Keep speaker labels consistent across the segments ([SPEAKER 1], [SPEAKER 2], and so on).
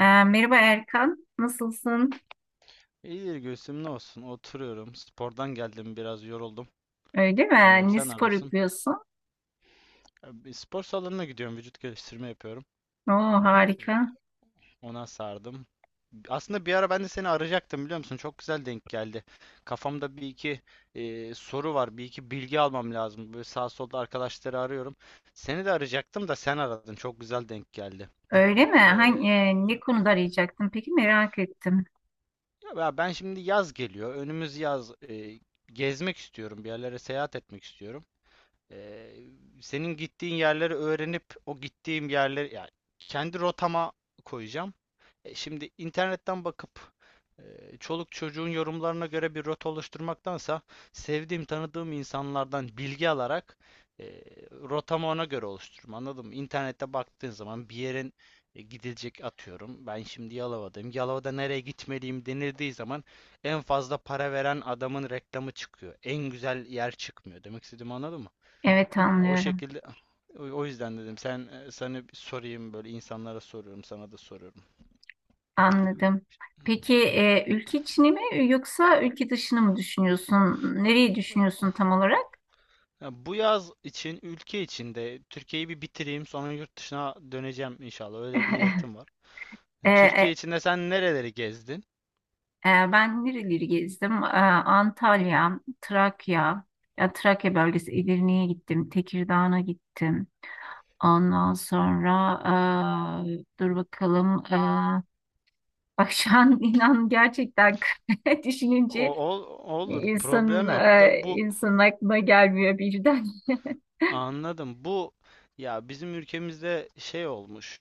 [SPEAKER 1] Merhaba Erkan, nasılsın?
[SPEAKER 2] İyidir Gülsüm ne olsun oturuyorum. Spordan geldim biraz yoruldum.
[SPEAKER 1] Öyle
[SPEAKER 2] Uzanıyorum.
[SPEAKER 1] mi? Ne
[SPEAKER 2] Sen ne
[SPEAKER 1] spor
[SPEAKER 2] yapıyorsun?
[SPEAKER 1] yapıyorsun?
[SPEAKER 2] Bir spor salonuna gidiyorum. Vücut geliştirme yapıyorum.
[SPEAKER 1] Oo harika.
[SPEAKER 2] Ona sardım. Aslında bir ara ben de seni arayacaktım biliyor musun? Çok güzel denk geldi. Kafamda bir iki soru var. Bir iki bilgi almam lazım. Böyle sağ solda arkadaşları arıyorum. Seni de arayacaktım da sen aradın. Çok güzel denk geldi.
[SPEAKER 1] Öyle mi?
[SPEAKER 2] E,
[SPEAKER 1] Ne konuda arayacaktın? Peki, merak ettim.
[SPEAKER 2] Ya ben şimdi yaz geliyor. Önümüz yaz. Gezmek istiyorum. Bir yerlere seyahat etmek istiyorum. Ee, Senin gittiğin yerleri öğrenip o gittiğim yerleri yani kendi rotama koyacağım. Şimdi internetten bakıp e, çoluk çocuğun yorumlarına göre bir rota oluşturmaktansa sevdiğim tanıdığım insanlardan bilgi alarak e, rotamı ona göre oluştururum. Anladın mı? İnternette baktığın zaman bir yerin gidilecek atıyorum. Ben şimdi Yalova'dayım. Yalova'da nereye gitmeliyim denildiği zaman en fazla para veren adamın reklamı çıkıyor. En güzel yer çıkmıyor. Demek istediğimi anladın mı?
[SPEAKER 1] Evet,
[SPEAKER 2] Ha, o
[SPEAKER 1] anlıyorum.
[SPEAKER 2] şekilde o yüzden dedim sen sana bir sorayım, böyle insanlara soruyorum sana da soruyorum.
[SPEAKER 1] Anladım. Peki, ülke içini mi yoksa ülke dışını mı düşünüyorsun?
[SPEAKER 2] Ha,
[SPEAKER 1] Nereyi düşünüyorsun tam olarak?
[SPEAKER 2] bu yaz için ülke içinde Türkiye'yi bir bitireyim, sonra yurt dışına döneceğim inşallah, öyle bir niyetim var.
[SPEAKER 1] E,
[SPEAKER 2] Türkiye
[SPEAKER 1] e,
[SPEAKER 2] içinde sen nereleri gezdin?
[SPEAKER 1] Ben nereleri gezdim? Antalya, Trakya bölgesi, Edirne'ye gittim, Tekirdağ'a gittim. Ondan sonra dur bakalım. Bak şu an, inan gerçekten, düşününce
[SPEAKER 2] Olur,
[SPEAKER 1] insanın
[SPEAKER 2] problem yok da
[SPEAKER 1] eee
[SPEAKER 2] bu
[SPEAKER 1] insanın aklına gelmiyor birden.
[SPEAKER 2] anladım bu ya bizim ülkemizde şey olmuş.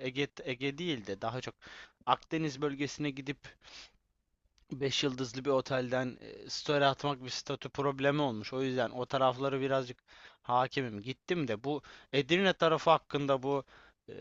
[SPEAKER 2] Ege değil de daha çok Akdeniz bölgesine gidip beş yıldızlı bir otelden story atmak bir statü problemi olmuş. O yüzden o tarafları birazcık hakimim. Gittim de bu Edirne tarafı hakkında bu e,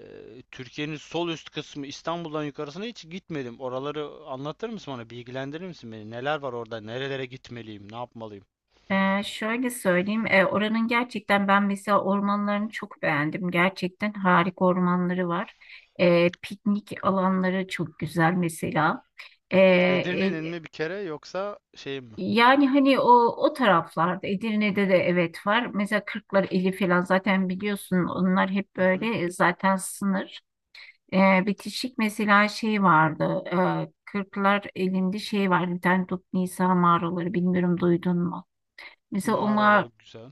[SPEAKER 2] Türkiye'nin sol üst kısmı, İstanbul'dan yukarısına hiç gitmedim. Oraları anlatır mısın bana? Bilgilendirir misin beni? Neler var orada? Nerelere gitmeliyim? Ne yapmalıyım?
[SPEAKER 1] Şöyle söyleyeyim. Oranın gerçekten, ben mesela ormanlarını çok beğendim. Gerçekten harika ormanları var. Piknik alanları çok güzel mesela. Ee,
[SPEAKER 2] Edirne'nin mi bir kere yoksa şey mi?
[SPEAKER 1] Yani hani o taraflarda Edirne'de de, evet, var. Mesela Kırklar eli falan, zaten biliyorsun, onlar hep
[SPEAKER 2] Hı
[SPEAKER 1] böyle,
[SPEAKER 2] hı.
[SPEAKER 1] zaten sınır. Bitişik mesela şey vardı. Kırklar elinde şey var. Bir tane Dut Nisa mağaraları, bilmiyorum, duydun mu? Mesela
[SPEAKER 2] Mağaralar güzel.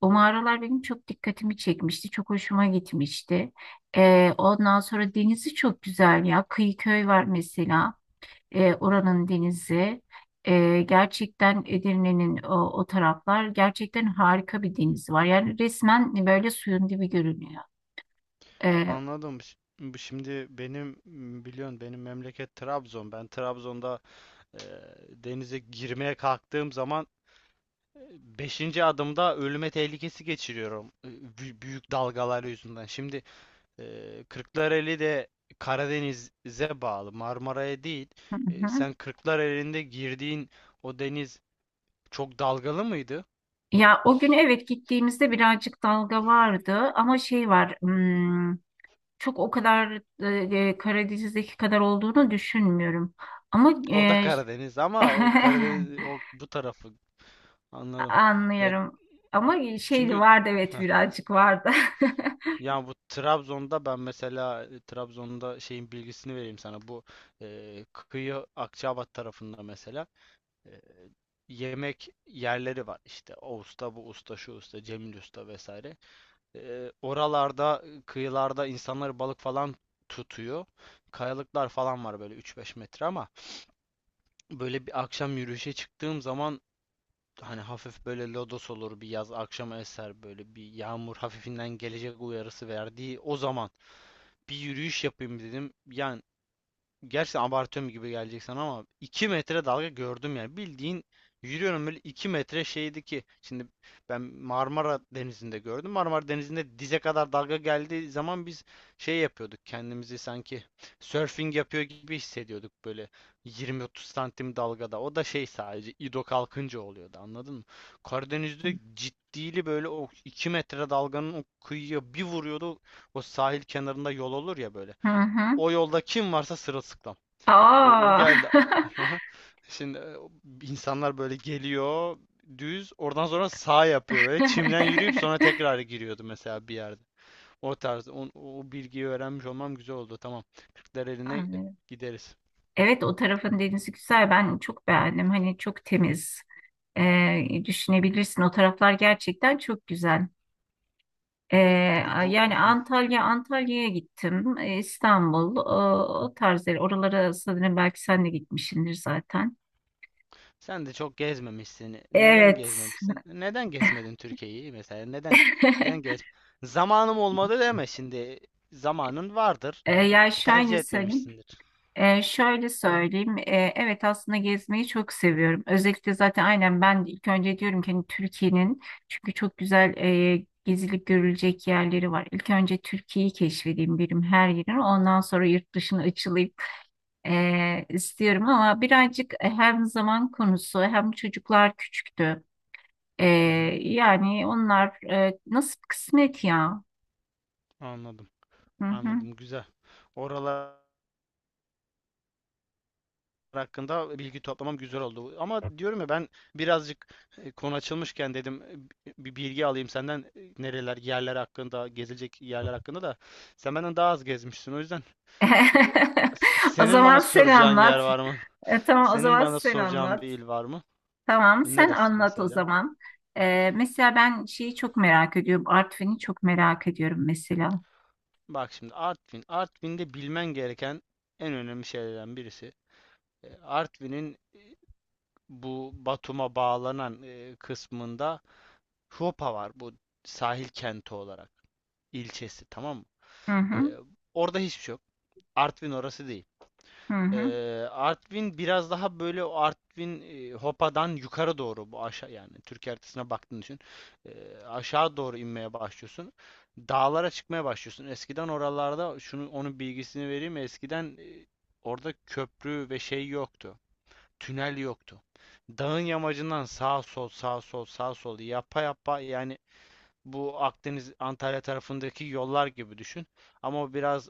[SPEAKER 1] o mağaralar benim çok dikkatimi çekmişti. Çok hoşuma gitmişti. Ondan sonra denizi çok güzel ya. Kıyıköy var mesela, oranın denizi. Gerçekten Edirne'nin o taraflar, gerçekten harika bir denizi var. Yani resmen böyle suyun dibi görünüyor. E,
[SPEAKER 2] Anladım. Bu şimdi benim biliyorsun benim memleket Trabzon. Ben Trabzon'da Ee, denize girmeye kalktığım zaman 5. adımda ölüme tehlikesi geçiriyorum büyük dalgalar yüzünden. Şimdi Kırklareli de Karadeniz'e bağlı, Marmara'ya değil.
[SPEAKER 1] hı hı.
[SPEAKER 2] Sen Kırklareli'nde girdiğin o deniz çok dalgalı mıydı?
[SPEAKER 1] Ya o gün, evet, gittiğimizde birazcık dalga vardı ama şey var, çok o kadar Karadeniz'deki kadar olduğunu düşünmüyorum. Ama
[SPEAKER 2] O da Karadeniz ama o Karadeniz o bu tarafı, anladım. Ya
[SPEAKER 1] anlıyorum. Ama şeydi
[SPEAKER 2] çünkü…
[SPEAKER 1] vardı, evet, birazcık vardı.
[SPEAKER 2] Ya bu Trabzon'da ben mesela Trabzon'da şeyin bilgisini vereyim sana. Bu kıyı Akçaabat tarafında mesela e, yemek yerleri var. İşte o usta, bu usta, şu usta, Cemil usta vesaire. Oralarda kıyılarda insanlar balık falan tutuyor. Kayalıklar falan var böyle 3-5 metre, ama böyle bir akşam yürüyüşe çıktığım zaman, hani hafif böyle lodos olur bir yaz akşama eser, böyle bir yağmur hafifinden gelecek uyarısı verdiği o zaman bir yürüyüş yapayım dedim. Yani. Gerçekten abartıyorum gibi gelecek sana ama 2 metre dalga gördüm yani. Bildiğin yürüyorum böyle 2 metre şeydi ki. Şimdi ben Marmara Denizi'nde gördüm. Marmara Denizi'nde dize kadar dalga geldiği zaman biz şey yapıyorduk. Kendimizi sanki surfing yapıyor gibi hissediyorduk, böyle 20-30 santim dalgada. O da şey sadece İdo kalkınca oluyordu, anladın mı? Karadeniz'de ciddili böyle o 2 metre dalganın o kıyıya bir vuruyordu. O sahil kenarında yol olur ya böyle.
[SPEAKER 1] Hı hı.
[SPEAKER 2] O yolda kim varsa sırılsıklam. O
[SPEAKER 1] Aa.
[SPEAKER 2] geldi. Şimdi insanlar böyle geliyor düz oradan, sonra sağ yapıyor böyle çimden yürüyüp sonra tekrar giriyordu mesela bir yerde. O tarz o bilgiyi öğrenmiş olmam güzel oldu. Tamam. Kırklar eline
[SPEAKER 1] Anlıyorum.
[SPEAKER 2] gideriz.
[SPEAKER 1] Evet, o tarafın denizi güzel. Ben çok beğendim. Hani çok temiz. Düşünebilirsin. O taraflar gerçekten çok güzel. Ee,
[SPEAKER 2] Bu
[SPEAKER 1] Yani Antalya'ya gittim. İstanbul, o tarz yer. Oralara sanırım belki sen de gitmişsindir zaten.
[SPEAKER 2] sen de çok gezmemişsin. Neden
[SPEAKER 1] Evet.
[SPEAKER 2] gezmemişsin? Neden gezmedin Türkiye'yi mesela? Neden neden gez? Zamanım olmadı deme şimdi. Zamanın vardır.
[SPEAKER 1] Ee, yani şöyle
[SPEAKER 2] Tercih
[SPEAKER 1] söyleyeyim.
[SPEAKER 2] etmemişsindir.
[SPEAKER 1] Şöyle söyleyeyim. Evet, aslında gezmeyi çok seviyorum. Özellikle zaten aynen ben de ilk önce diyorum ki hani Türkiye'nin, çünkü çok güzel gezilip görülecek yerleri var. İlk önce Türkiye'yi keşfedeyim birim her yerini. Ondan sonra yurt dışına açılayım istiyorum ama birazcık, hem zaman konusu hem çocuklar küçüktü. Ee,
[SPEAKER 2] Hı hı,
[SPEAKER 1] Yani onlar nasip kısmet ya.
[SPEAKER 2] anladım.
[SPEAKER 1] Hı hı.
[SPEAKER 2] Anladım. Güzel. Oralar hakkında bilgi toplamam güzel oldu. Ama diyorum ya, ben birazcık konu açılmışken dedim bir bilgi alayım senden, nereler, yerler hakkında, gezilecek yerler hakkında da sen benden daha az gezmişsin. O yüzden… Ve
[SPEAKER 1] O
[SPEAKER 2] senin
[SPEAKER 1] zaman
[SPEAKER 2] bana
[SPEAKER 1] sen
[SPEAKER 2] soracağın yer
[SPEAKER 1] anlat.
[SPEAKER 2] var mı?
[SPEAKER 1] Tamam, o
[SPEAKER 2] Senin
[SPEAKER 1] zaman
[SPEAKER 2] bana
[SPEAKER 1] sen
[SPEAKER 2] soracağın bir
[SPEAKER 1] anlat.
[SPEAKER 2] il var mı?
[SPEAKER 1] Tamam, sen
[SPEAKER 2] Neresi
[SPEAKER 1] anlat o
[SPEAKER 2] mesela?
[SPEAKER 1] zaman. Mesela ben şeyi çok merak ediyorum. Artvin'i çok merak ediyorum mesela.
[SPEAKER 2] Bak şimdi Artvin. Artvin'de bilmen gereken en önemli şeylerden birisi. Artvin'in bu Batum'a bağlanan kısmında Huopa var, bu sahil kenti olarak ilçesi, tamam mı?
[SPEAKER 1] Hı
[SPEAKER 2] E,
[SPEAKER 1] hı,
[SPEAKER 2] Orada hiçbir şey yok. Artvin orası değil.
[SPEAKER 1] hı hı.
[SPEAKER 2] Eee, Artvin biraz daha böyle, o Artvin Hopa'dan yukarı doğru, bu aşağı, yani Türkiye haritasına baktığını düşün. Aşağı doğru inmeye başlıyorsun. Dağlara çıkmaya başlıyorsun. Eskiden oralarda şunu, onun bilgisini vereyim. Eskiden orada köprü ve şey yoktu. Tünel yoktu. Dağın yamacından sağ sol sağ sol sağ sol yapa yapa, yani bu Akdeniz Antalya tarafındaki yollar gibi düşün. Ama o biraz,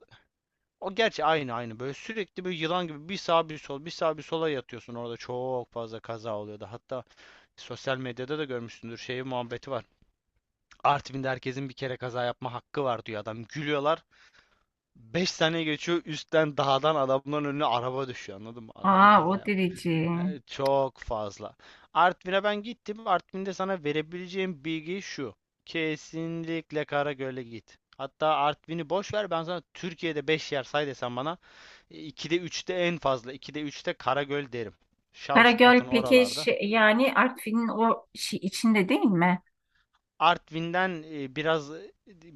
[SPEAKER 2] o gerçi aynı aynı böyle sürekli bir yılan gibi bir sağa bir sol bir sağa bir sola yatıyorsun, orada çok fazla kaza oluyordu. Hatta sosyal medyada da görmüşsündür şey muhabbeti var. Artvin'de herkesin bir kere kaza yapma hakkı var diyor adam, gülüyorlar. Beş sene geçiyor üstten dağdan adamların önüne araba düşüyor, anladın mı? Adam
[SPEAKER 1] Aa, o
[SPEAKER 2] kaza yapmış.
[SPEAKER 1] derece.
[SPEAKER 2] Yani çok fazla. Artvin'e ben gittim. Artvin'de sana verebileceğim bilgi şu. Kesinlikle Karagöl'e git. Hatta Artvin'i boş ver, ben sana Türkiye'de 5 yer say desem bana 2'de üçte, en fazla 2'de 3'te Karagöl derim. Şavşat'ın
[SPEAKER 1] Karagöl Pekeş,
[SPEAKER 2] oralarda.
[SPEAKER 1] yani Artvin'in o şey içinde değil mi?
[SPEAKER 2] Artvin'den biraz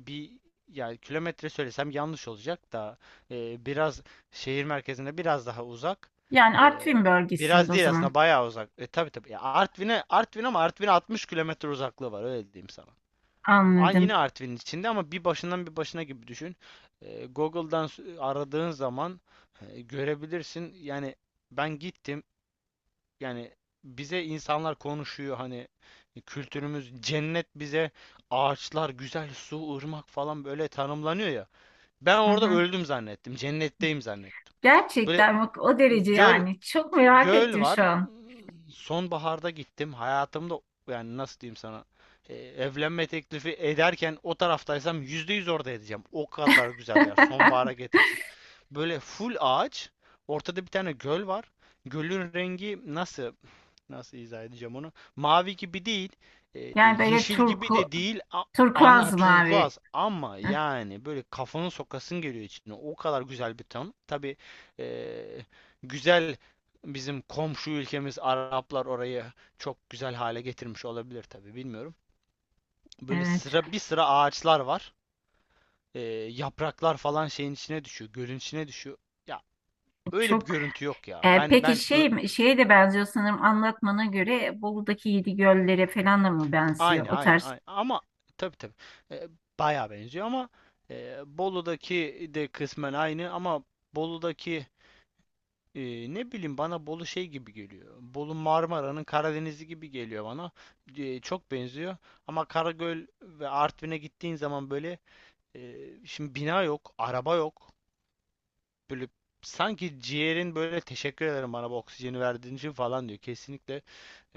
[SPEAKER 2] bir, yani kilometre söylesem yanlış olacak da biraz şehir merkezine biraz daha uzak.
[SPEAKER 1] Yani
[SPEAKER 2] E,
[SPEAKER 1] Artvin bölgesinde
[SPEAKER 2] biraz
[SPEAKER 1] o
[SPEAKER 2] değil aslında,
[SPEAKER 1] zaman,
[SPEAKER 2] bayağı uzak. E, tabii tabii. Ya Artvin'e, Artvin ama Artvin'e 60 kilometre uzaklığı var, öyle diyeyim sana. Aynı
[SPEAKER 1] anladım.
[SPEAKER 2] yine Artvin'in içinde ama bir başından bir başına gibi düşün. Google'dan aradığın zaman görebilirsin. Yani ben gittim. Yani bize insanlar konuşuyor, hani kültürümüz cennet bize, ağaçlar, güzel su, ırmak falan böyle tanımlanıyor ya. Ben
[SPEAKER 1] Hı
[SPEAKER 2] orada
[SPEAKER 1] hı.
[SPEAKER 2] öldüm zannettim. Cennetteyim zannettim. Böyle
[SPEAKER 1] Gerçekten bak, o derece
[SPEAKER 2] göl
[SPEAKER 1] yani. Çok merak
[SPEAKER 2] göl
[SPEAKER 1] ettim
[SPEAKER 2] var.
[SPEAKER 1] şu an.
[SPEAKER 2] Sonbaharda gittim. Hayatımda, yani nasıl diyeyim sana, evlenme teklifi ederken o taraftaysam %100 orada edeceğim. O kadar güzel bir yer. Sonbahara getirsin. Böyle full ağaç. Ortada bir tane göl var. Gölün rengi nasıl? Nasıl izah edeceğim onu? Mavi gibi değil,
[SPEAKER 1] Yani böyle
[SPEAKER 2] yeşil gibi de değil, ana
[SPEAKER 1] turkuaz mavi.
[SPEAKER 2] turkuaz, ama
[SPEAKER 1] Hı.
[SPEAKER 2] yani böyle kafanı sokasın geliyor içine. O kadar güzel bir ton. Tabii e, güzel, bizim komşu ülkemiz Araplar orayı çok güzel hale getirmiş olabilir tabii, bilmiyorum. Böyle
[SPEAKER 1] Evet.
[SPEAKER 2] sıra bir sıra ağaçlar var. E, Yapraklar falan şeyin içine düşüyor, gölün içine düşüyor. Ya öyle bir
[SPEAKER 1] Çok.
[SPEAKER 2] görüntü yok ya. Ben
[SPEAKER 1] Peki
[SPEAKER 2] ben
[SPEAKER 1] şeye de benziyor sanırım, anlatmana göre Bolu'daki Yedi Göller'e falan da mı benziyor,
[SPEAKER 2] aynı
[SPEAKER 1] o
[SPEAKER 2] aynı
[SPEAKER 1] tarz?
[SPEAKER 2] aynı ama, tabii tabii e, bayağı benziyor ama Bolu'daki de kısmen aynı ama Bolu'daki e, ne bileyim, bana Bolu şey gibi geliyor. Bolu Marmara'nın Karadeniz'i gibi geliyor bana. Çok benziyor ama Karagöl ve Artvin'e gittiğin zaman böyle şimdi bina yok, araba yok. Böyle sanki ciğerin böyle teşekkür ederim bana bu oksijeni verdiğin için falan diyor. Kesinlikle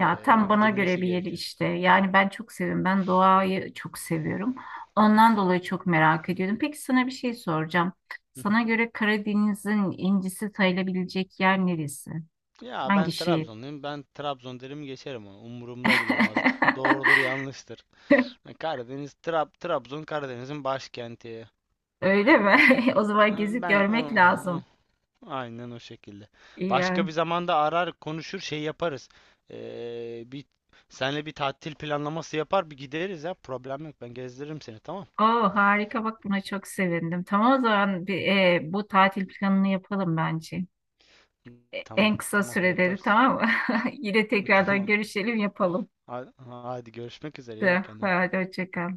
[SPEAKER 1] Ya, tam bana göre
[SPEAKER 2] gidilmesi
[SPEAKER 1] bir yeri
[SPEAKER 2] gerekiyor.
[SPEAKER 1] işte. Yani ben çok seviyorum. Ben doğayı çok seviyorum. Ondan dolayı çok merak ediyordum. Peki, sana bir şey soracağım. Sana göre Karadeniz'in incisi sayılabilecek yer neresi?
[SPEAKER 2] Ya
[SPEAKER 1] Hangi
[SPEAKER 2] ben
[SPEAKER 1] şehir?
[SPEAKER 2] Trabzonluyum. Ben Trabzon derim geçerim onu. Umurumda bile olmaz. Doğrudur yanlıştır. Ha, Karadeniz, Trabzon Karadeniz'in başkenti.
[SPEAKER 1] Öyle mi? O zaman
[SPEAKER 2] Ha,
[SPEAKER 1] gezip görmek
[SPEAKER 2] O-
[SPEAKER 1] lazım.
[SPEAKER 2] aynen o şekilde.
[SPEAKER 1] İyi
[SPEAKER 2] Başka
[SPEAKER 1] yani.
[SPEAKER 2] bir zamanda arar konuşur şey yaparız. Bir senle bir tatil planlaması yapar bir gideriz ya. Problem yok. Ben gezdiririm seni, tamam.
[SPEAKER 1] Oo harika, bak buna çok sevindim. Tamam, o zaman bu tatil planını yapalım bence.
[SPEAKER 2] Tamam
[SPEAKER 1] En kısa
[SPEAKER 2] tamam,
[SPEAKER 1] sürede de,
[SPEAKER 2] yaparız.
[SPEAKER 1] tamam mı? Yine tekrardan
[SPEAKER 2] Tamam.
[SPEAKER 1] görüşelim, yapalım.
[SPEAKER 2] Hadi, görüşmek üzere. İyi bak kendine.
[SPEAKER 1] Hadi hoşça kal.